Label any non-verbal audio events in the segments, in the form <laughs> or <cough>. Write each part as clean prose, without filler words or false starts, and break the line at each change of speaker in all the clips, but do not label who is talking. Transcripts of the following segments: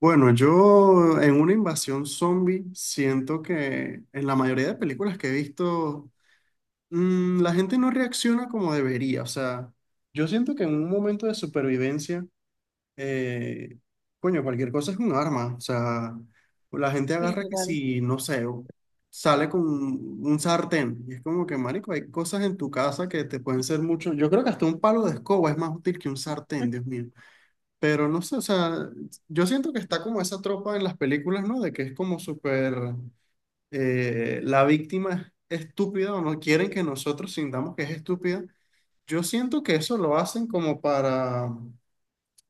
Bueno, yo en una invasión zombie siento que en la mayoría de películas que he visto, la gente no reacciona como debería. O sea, yo siento que en un momento de supervivencia, eh, coño, cualquier cosa es un arma. O sea, la gente
Sí,
agarra que
total.
si, no sé, sale con un sartén. Y es como que, marico, hay cosas en tu casa que te pueden ser mucho. Yo creo que hasta un palo de escoba es más útil que un sartén, Dios mío. Pero no sé, o sea, yo siento que está como esa tropa en las películas, ¿no? De que es como súper, la víctima es estúpida o no quieren que nosotros sintamos que es estúpida. Yo siento que eso lo hacen como para,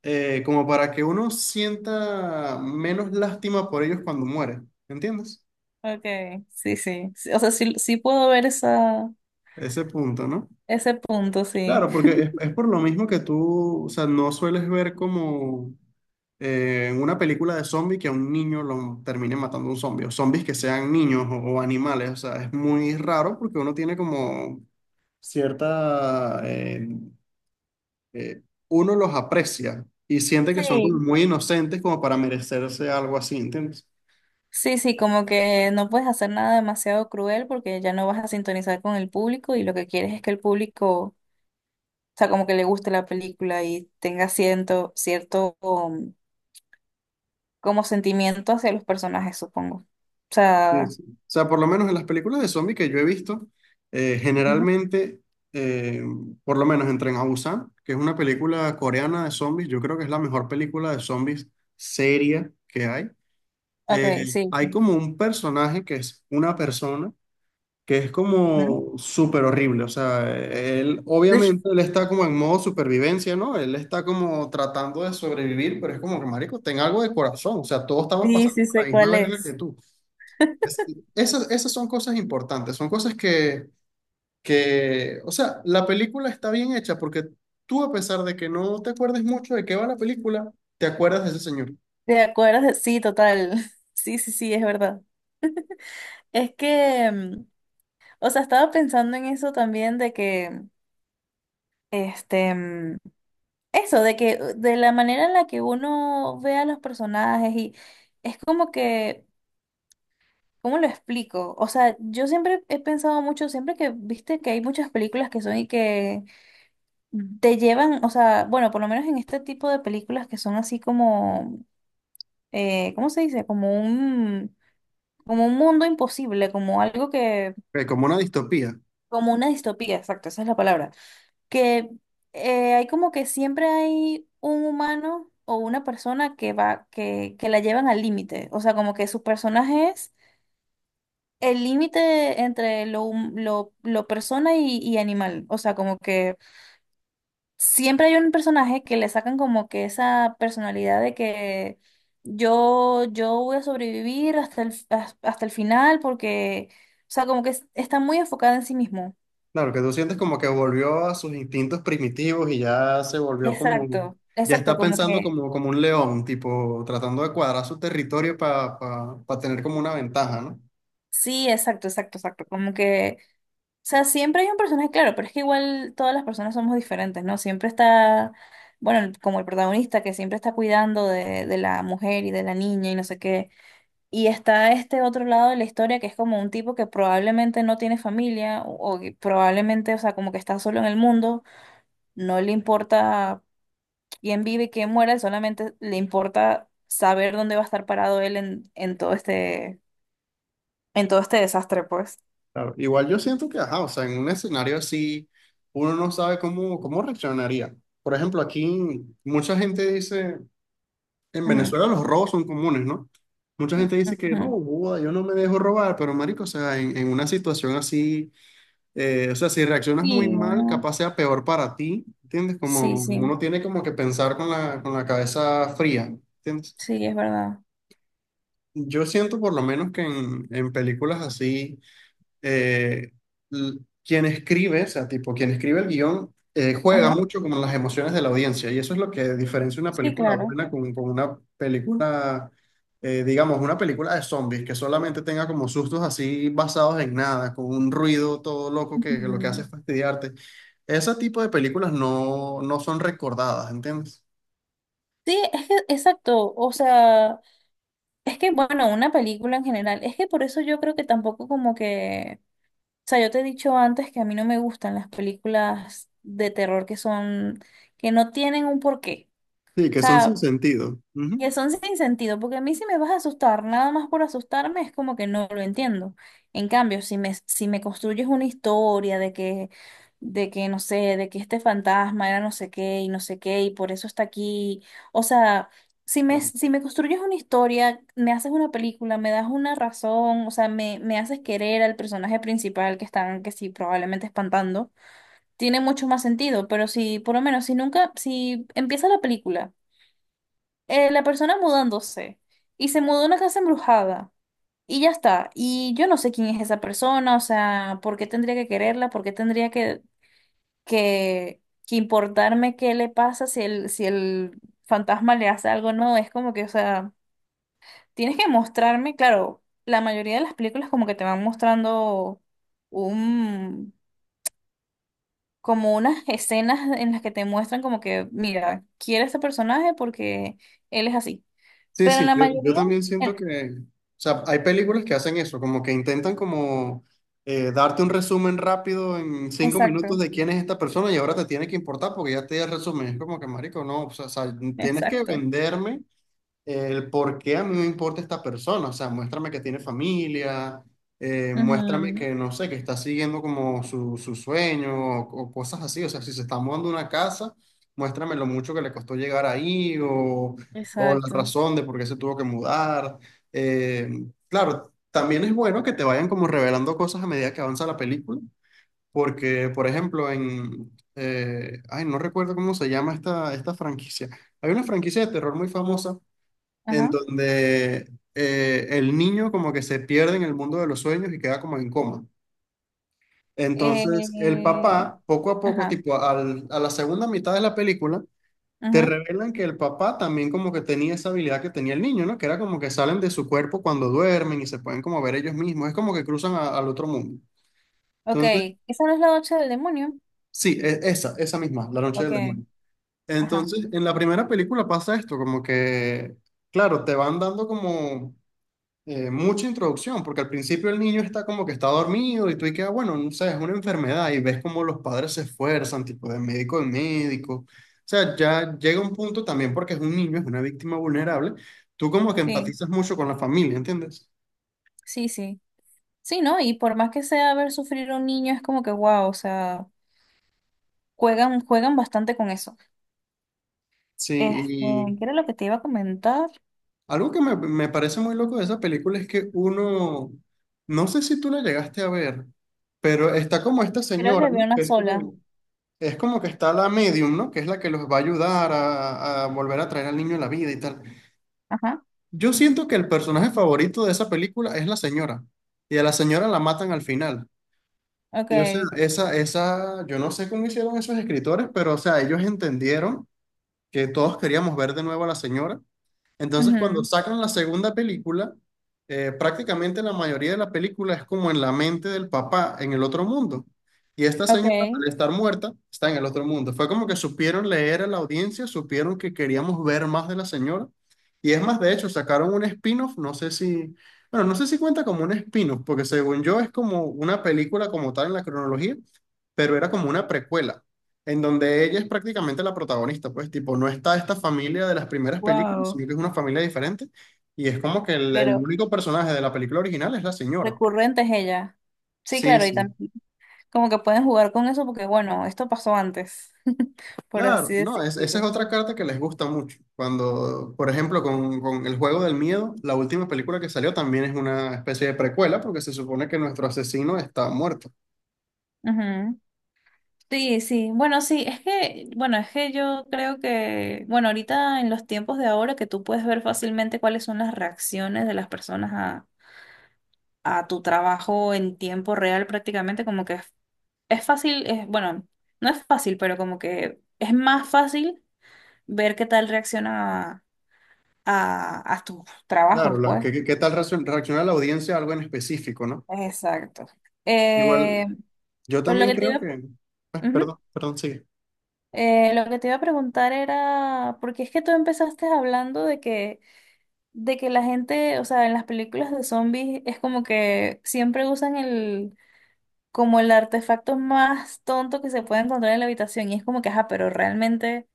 como para que uno sienta menos lástima por ellos cuando muere, ¿entiendes?
Okay, sí, sí. Sí, o sea, sí, sí puedo ver esa,
Ese punto, ¿no?
ese punto, sí.
Claro, porque es por lo mismo que tú, o sea, no sueles ver como en una película de zombie que a un niño lo termine matando un zombie, o zombies que sean niños o animales, o sea, es muy raro porque uno tiene como cierta, eh, uno los aprecia y siente que son como
Sí,
muy inocentes como para merecerse algo así, ¿entiendes?
sí, sí, como que no puedes hacer nada demasiado cruel porque ya no vas a sintonizar con el público y lo que quieres es que el público, o sea, como que le guste la película y tenga cierto como sentimiento hacia los personajes, supongo. O
Sí,
sea,
sí. O sea, por lo menos en las películas de zombies que yo he visto,
ujú,
generalmente, eh, por lo menos en Tren a Busan, que es una película coreana de zombies, yo creo que es la mejor película de zombies seria que hay. Eh,
okay, sí, sí.
Hay
Ujú.
como un personaje que es una persona que es como
<laughs>
súper horrible. O sea, él
Sí,
obviamente él está como en modo supervivencia, ¿no? Él está como tratando de sobrevivir, pero es como que, marico, ten algo de corazón. O sea, todos estamos
sí,
pasando
sí
por
sé
la misma
cuál
verga que
es.
tú. Es- Esas, esas son cosas importantes, son cosas que, o sea, la película está bien hecha porque tú, a pesar de que no te acuerdes mucho de qué va la película, te acuerdas de ese señor.
¿Te acuerdas? Sí, total. <laughs> Sí, sí, sí, es verdad. Es que, o sea, estaba pensando en eso también de que, este, mm, eso, de que, de la manera en la que uno ve a los personajes y es como que, ¿cómo lo explico? O sea, yo siempre he pensado mucho, siempre que, viste que hay muchas películas que son y que te llevan, o sea, bueno, por lo menos en este tipo de películas que son así como, ¿cómo se dice? Como un mundo imposible, como algo que,
Como una distopía.
como una distopía, exacto, esa es la palabra que hay como que siempre hay un humano o una persona que va, que la llevan al límite. O sea, como que su personaje es el límite entre lo persona y animal. O sea, como que siempre hay un personaje que le sacan como que esa personalidad de que yo voy a sobrevivir hasta hasta el final porque, o sea, como que está muy enfocada en sí mismo.
Claro, que tú sientes como que volvió a sus instintos primitivos y ya se volvió como,
Exacto,
ya
exacto,
está
como
pensando
que
como, como un león, tipo, tratando de cuadrar su territorio para tener como una ventaja, ¿no?
sí, exacto, exacto, exacto. Como que, o sea, siempre hay un personaje, claro, pero es que igual todas las personas somos diferentes, ¿no? Siempre está, bueno, como el protagonista que siempre está cuidando de la mujer y de la niña y no sé qué. Y está este otro lado de la historia que es como un tipo que probablemente no tiene familia o que probablemente, o sea, como que está solo en el mundo, no le importa quién vive y quién muere, solamente le importa saber dónde va a estar parado él en todo este desastre, pues.
Claro, igual yo siento que, ajá, o sea, en un escenario así, uno no sabe cómo, cómo reaccionaría. Por ejemplo, aquí mucha gente dice, en Venezuela los robos son comunes, ¿no? Mucha gente dice que no,
Ujú.
boda, yo no me dejo robar, pero marico, o sea, en una situación así, o sea, si reaccionas muy
Sí,
mal,
bueno,
capaz sea peor para ti, ¿entiendes?
sí,
Como uno
sí,
tiene como que pensar con la cabeza fría, ¿entiendes?
sí, es verdad.
Yo siento por lo menos que en películas así eh, l- quien escribe, o sea, tipo, quien escribe el guión, juega
Ajá,
mucho con las emociones de la audiencia y eso es lo que diferencia una
sí,
película
claro.
buena con una película, digamos, una película de zombies que solamente tenga como sustos así basados en nada, con un ruido todo loco que lo que hace
Ujú.
es fastidiarte. Ese tipo de películas no, no son recordadas, ¿entiendes?
Sí, es que, exacto, o sea, es que, bueno, una película en general, es que por eso yo creo que tampoco como que, o sea, yo te he dicho antes que a mí no me gustan las películas de terror que son, que no tienen un porqué.
Sí,
O
que son
sea,
sin sentido.
que son sin sentido, porque a mí si me vas a asustar, nada más por asustarme, es como que no lo entiendo. En cambio, si me, si me construyes una historia de que, no sé, de que este fantasma era no sé qué y no sé qué y por eso está aquí, o sea, si me, si me construyes una historia, me haces una película, me das una razón, o sea, me haces querer al personaje principal que están, que sí, probablemente espantando, tiene mucho más sentido, pero si, por lo menos, si nunca, si empieza la película la persona mudándose y se mudó a una casa embrujada y ya está. Y yo no sé quién es esa persona, o sea, ¿por qué tendría que quererla? ¿Por qué tendría que, que importarme qué le pasa si el, si el fantasma le hace algo? No, es como que, o sea, tienes que mostrarme, claro, la mayoría de las películas como que te van mostrando un... como unas escenas en las que te muestran como que, mira, quiere a este personaje porque él es así.
Sí,
Pero en
sí,
la
yo
mayoría...
también siento
En
que, o sea, hay películas que hacen eso, como que intentan como darte un resumen rápido en 5 minutos
exacto,
de quién es esta persona y ahora te tiene que importar porque ya te di el resumen. Es como que, marico, no, o sea, tienes que
exacto.
venderme el por qué a mí me importa esta persona, o sea, muéstrame que tiene familia, muéstrame
Ujú,
que, no sé, que está siguiendo como su sueño o cosas así, o sea, si se está mudando una casa, muéstrame lo mucho que le costó llegar ahí o la
exacto.
razón de por qué se tuvo que mudar. Eh, claro, también es bueno que te vayan como revelando cosas a medida que avanza la película, porque, por ejemplo, ay, no recuerdo cómo se llama esta, esta franquicia. Hay una franquicia de terror muy famosa en
Ajá.
donde el niño como que se pierde en el mundo de los sueños y queda como en coma. Entonces, el
Eh,
papá, poco a poco,
ajá,
tipo a la segunda mitad de la película, te
ujú.
revelan que el papá también como que tenía esa habilidad que tenía el niño, ¿no? Que era como que salen de su cuerpo cuando duermen y se pueden como ver ellos mismos. Es como que cruzan al otro mundo.
Ok.
Entonces,
¿Esa no es La Noche del Demonio?
sí, esa, esa misma, La Noche
Ok.
del Demonio.
Ajá.
Entonces, en la primera película pasa esto, como que, claro, te van dando como mucha introducción, porque al principio el niño está como que está dormido y tú y queda bueno, no sé, es una enfermedad y ves como los padres se esfuerzan, tipo de médico en médico. O sea, ya llega un punto también porque es un niño, es una víctima vulnerable, tú como que
Sí,
empatizas mucho con la familia, ¿entiendes?
sí, sí. Sí, ¿no? Y por más que sea ver sufrir a un niño, es como que wow, o sea, juegan, juegan bastante con eso.
Sí,
Este,
y
¿qué era lo que te iba a comentar?
algo que me parece muy loco de esa película es que uno, no sé si tú la llegaste a ver, pero está como esta
Creo
señora,
que vi
¿no?
una
Que es
sola.
como, es como que está la medium, ¿no? Que es la que los va a ayudar a volver a traer al niño a la vida y tal.
Ajá.
Yo siento que el personaje favorito de esa película es la señora. Y a la señora la matan al final.
Ok.
Y o sea, esa, yo no sé cómo hicieron esos escritores, pero o sea, ellos entendieron que todos queríamos ver de nuevo a la señora entonces, cuando
Ujú,
sacan la segunda película, prácticamente la mayoría de la película es como en la mente del papá en el otro mundo. Y esta señora,
ok.
al estar muerta, está en el otro mundo. Fue como que supieron leer a la audiencia, supieron que queríamos ver más de la señora. Y es más, de hecho, sacaron un spin-off, no sé si, bueno, no sé si cuenta como un spin-off, porque según yo es como una película como tal en la cronología, pero era como una precuela en donde ella es prácticamente la protagonista, pues, tipo, no está esta familia de las primeras películas,
Wow.
sino que es una familia diferente, y es como que el
Pero
único personaje de la película original es la señora.
recurrente es ella. Sí,
Sí,
claro, y
sí.
también. Como que pueden jugar con eso porque, bueno, esto pasó antes, <laughs> por
Claro,
así
no, esa es
decirlo.
otra carta que les gusta mucho. Cuando, por ejemplo, con El Juego del Miedo, la última película que salió también es una especie de precuela, porque se supone que nuestro asesino está muerto.
Ujú. Sí, sí, bueno, sí, es que, bueno, es que yo creo que, bueno, ahorita en los tiempos de ahora que tú puedes ver fácilmente cuáles son las reacciones de las personas a tu trabajo en tiempo real prácticamente, como que es fácil, es, bueno, no es fácil, pero como que es más fácil ver qué tal reacciona a tus
Claro,
trabajos,
la,
pues.
¿qué tal reacciona la audiencia a algo en específico, ¿no?
Exacto.
Igual,
Eh,
yo
pero lo
también
que te
creo
iba
que...
a ujú.
perdón, perdón, sigue.
Lo que te iba a preguntar era, porque es que tú empezaste hablando de que la gente, o sea, en las películas de zombies es como que siempre usan el, como el artefacto más tonto que se puede encontrar en la habitación y es como que, ajá, pero realmente,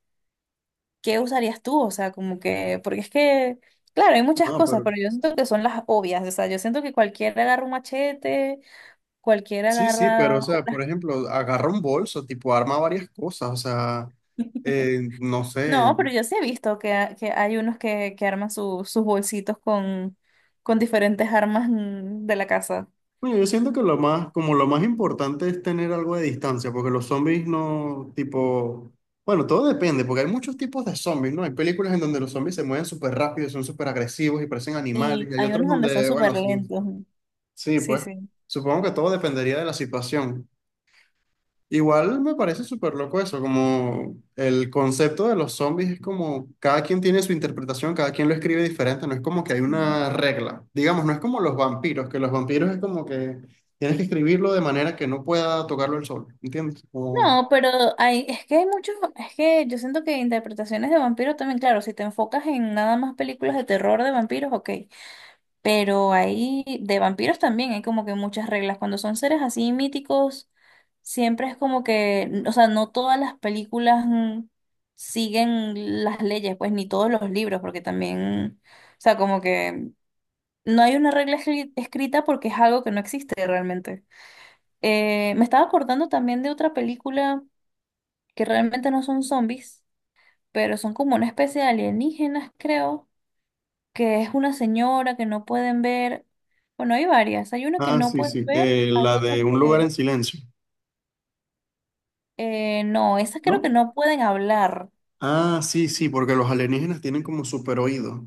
¿qué usarías tú? O sea, como que, porque es que, claro, hay muchas
No,
cosas,
pero
pero yo siento que son las obvias, o sea, yo siento que cualquiera agarra un machete, cualquiera
sí, sí, pero o
agarra...
sea, por ejemplo, agarra un bolso, tipo arma varias cosas, o sea,
<laughs>
no
No,
sé.
pero yo sí he visto que, que hay unos que arman sus bolsitos con diferentes armas de la casa.
Bueno, yo siento que lo más, como lo más importante es tener algo de distancia, porque los zombies no, tipo, bueno, todo depende, porque hay muchos tipos de zombies, ¿no? Hay películas en donde los zombies se mueven súper rápido, y son súper agresivos y parecen animales,
Sí,
y hay
hay
otros
unos donde son
donde,
súper
bueno, sí,
lentos.
sí,
Sí,
pues,
sí.
supongo que todo dependería de la situación. Igual me parece súper loco eso, como el concepto de los zombies es como cada quien tiene su interpretación, cada quien lo escribe diferente, no es como que hay
Sí.
una regla. Digamos, no es como los vampiros, que los vampiros es como que tienes que escribirlo de manera que no pueda tocarlo el sol, ¿entiendes? Como...
No, pero hay, es que hay muchos, es que yo siento que interpretaciones de vampiros también, claro, si te enfocas en nada más películas de terror de vampiros, ok. Pero ahí de vampiros también hay como que muchas reglas. Cuando son seres así míticos, siempre es como que, o sea, no todas las películas siguen las leyes, pues ni todos los libros, porque también, o sea, como que no hay una regla escrita porque es algo que no existe realmente. Me estaba acordando también de otra película que realmente no son zombies, pero son como una especie de alienígenas, creo que es una señora que no pueden ver. Bueno, hay varias. Hay una que
Ah,
no
sí,
pueden
sí,
ver, hay
la
otras
de un lugar
que
en silencio,
no, esas creo que
¿no?
no pueden hablar.
Ah, sí, sí, porque los alienígenas tienen como super oído.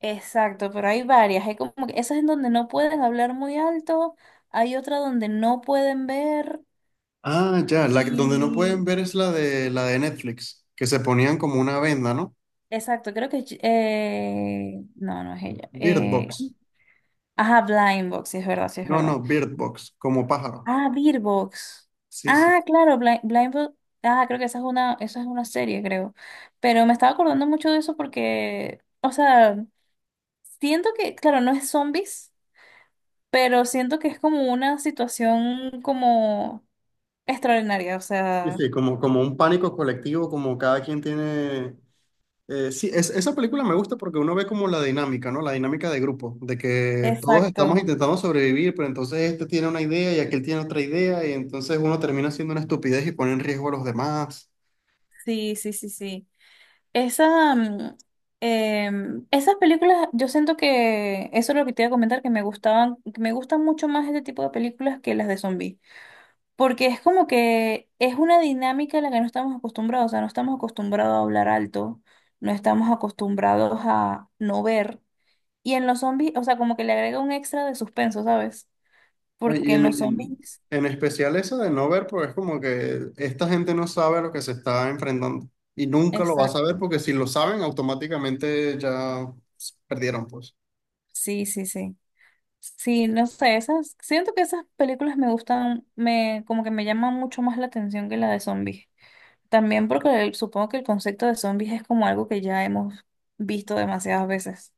Exacto, pero hay varias. Hay como que esas en donde no pueden hablar muy alto, hay otra donde no pueden ver
Ah, ya, donde no pueden
y
ver es la de Netflix, que se ponían como una venda, ¿no?
exacto, creo que no, no es ella.
Bird Box.
Ajá, Blind Box, sí es verdad, sí es
No,
verdad.
no, Bird Box, como pájaro.
Ah, Beerbox.
Sí, sí.
Ah, claro, Blindfold- ah, creo que esa es una serie, creo. Pero me estaba acordando mucho de eso porque, o sea, siento que, claro, no es zombies, pero siento que es como una situación como extraordinaria, o
Sí,
sea,
sí, como, como un pánico colectivo, como cada quien tiene... sí, esa película me gusta porque uno ve como la dinámica, ¿no? La dinámica de grupo, de que todos estamos
exacto.
intentando sobrevivir, pero entonces este tiene una idea y aquel tiene otra idea, y entonces uno termina haciendo una estupidez y pone en riesgo a los demás.
Sí, sí, sí, sí. Esa, esas películas, yo siento que eso es lo que te iba a comentar, que me gustaban, que me gustan mucho más este tipo de películas que las de zombies. Porque es como que es una dinámica a la que no estamos acostumbrados, o sea, no estamos acostumbrados a hablar alto, no estamos acostumbrados a no ver. Y en los zombies, o sea, como que le agrega un extra de suspenso, ¿sabes?
¿No?
Porque
Y
en los zombies,
en especial esa de no ver, porque es como que esta gente no sabe a lo que se está enfrentando y nunca lo va a saber
exacto.
porque si lo saben, automáticamente ya perdieron, pues.
Sí, sí, sí. Sí, no sé, esas, siento que esas películas me gustan, me, como que me llaman mucho más la atención que la de zombies. También porque supongo que el concepto de zombies es como algo que ya hemos visto demasiadas veces.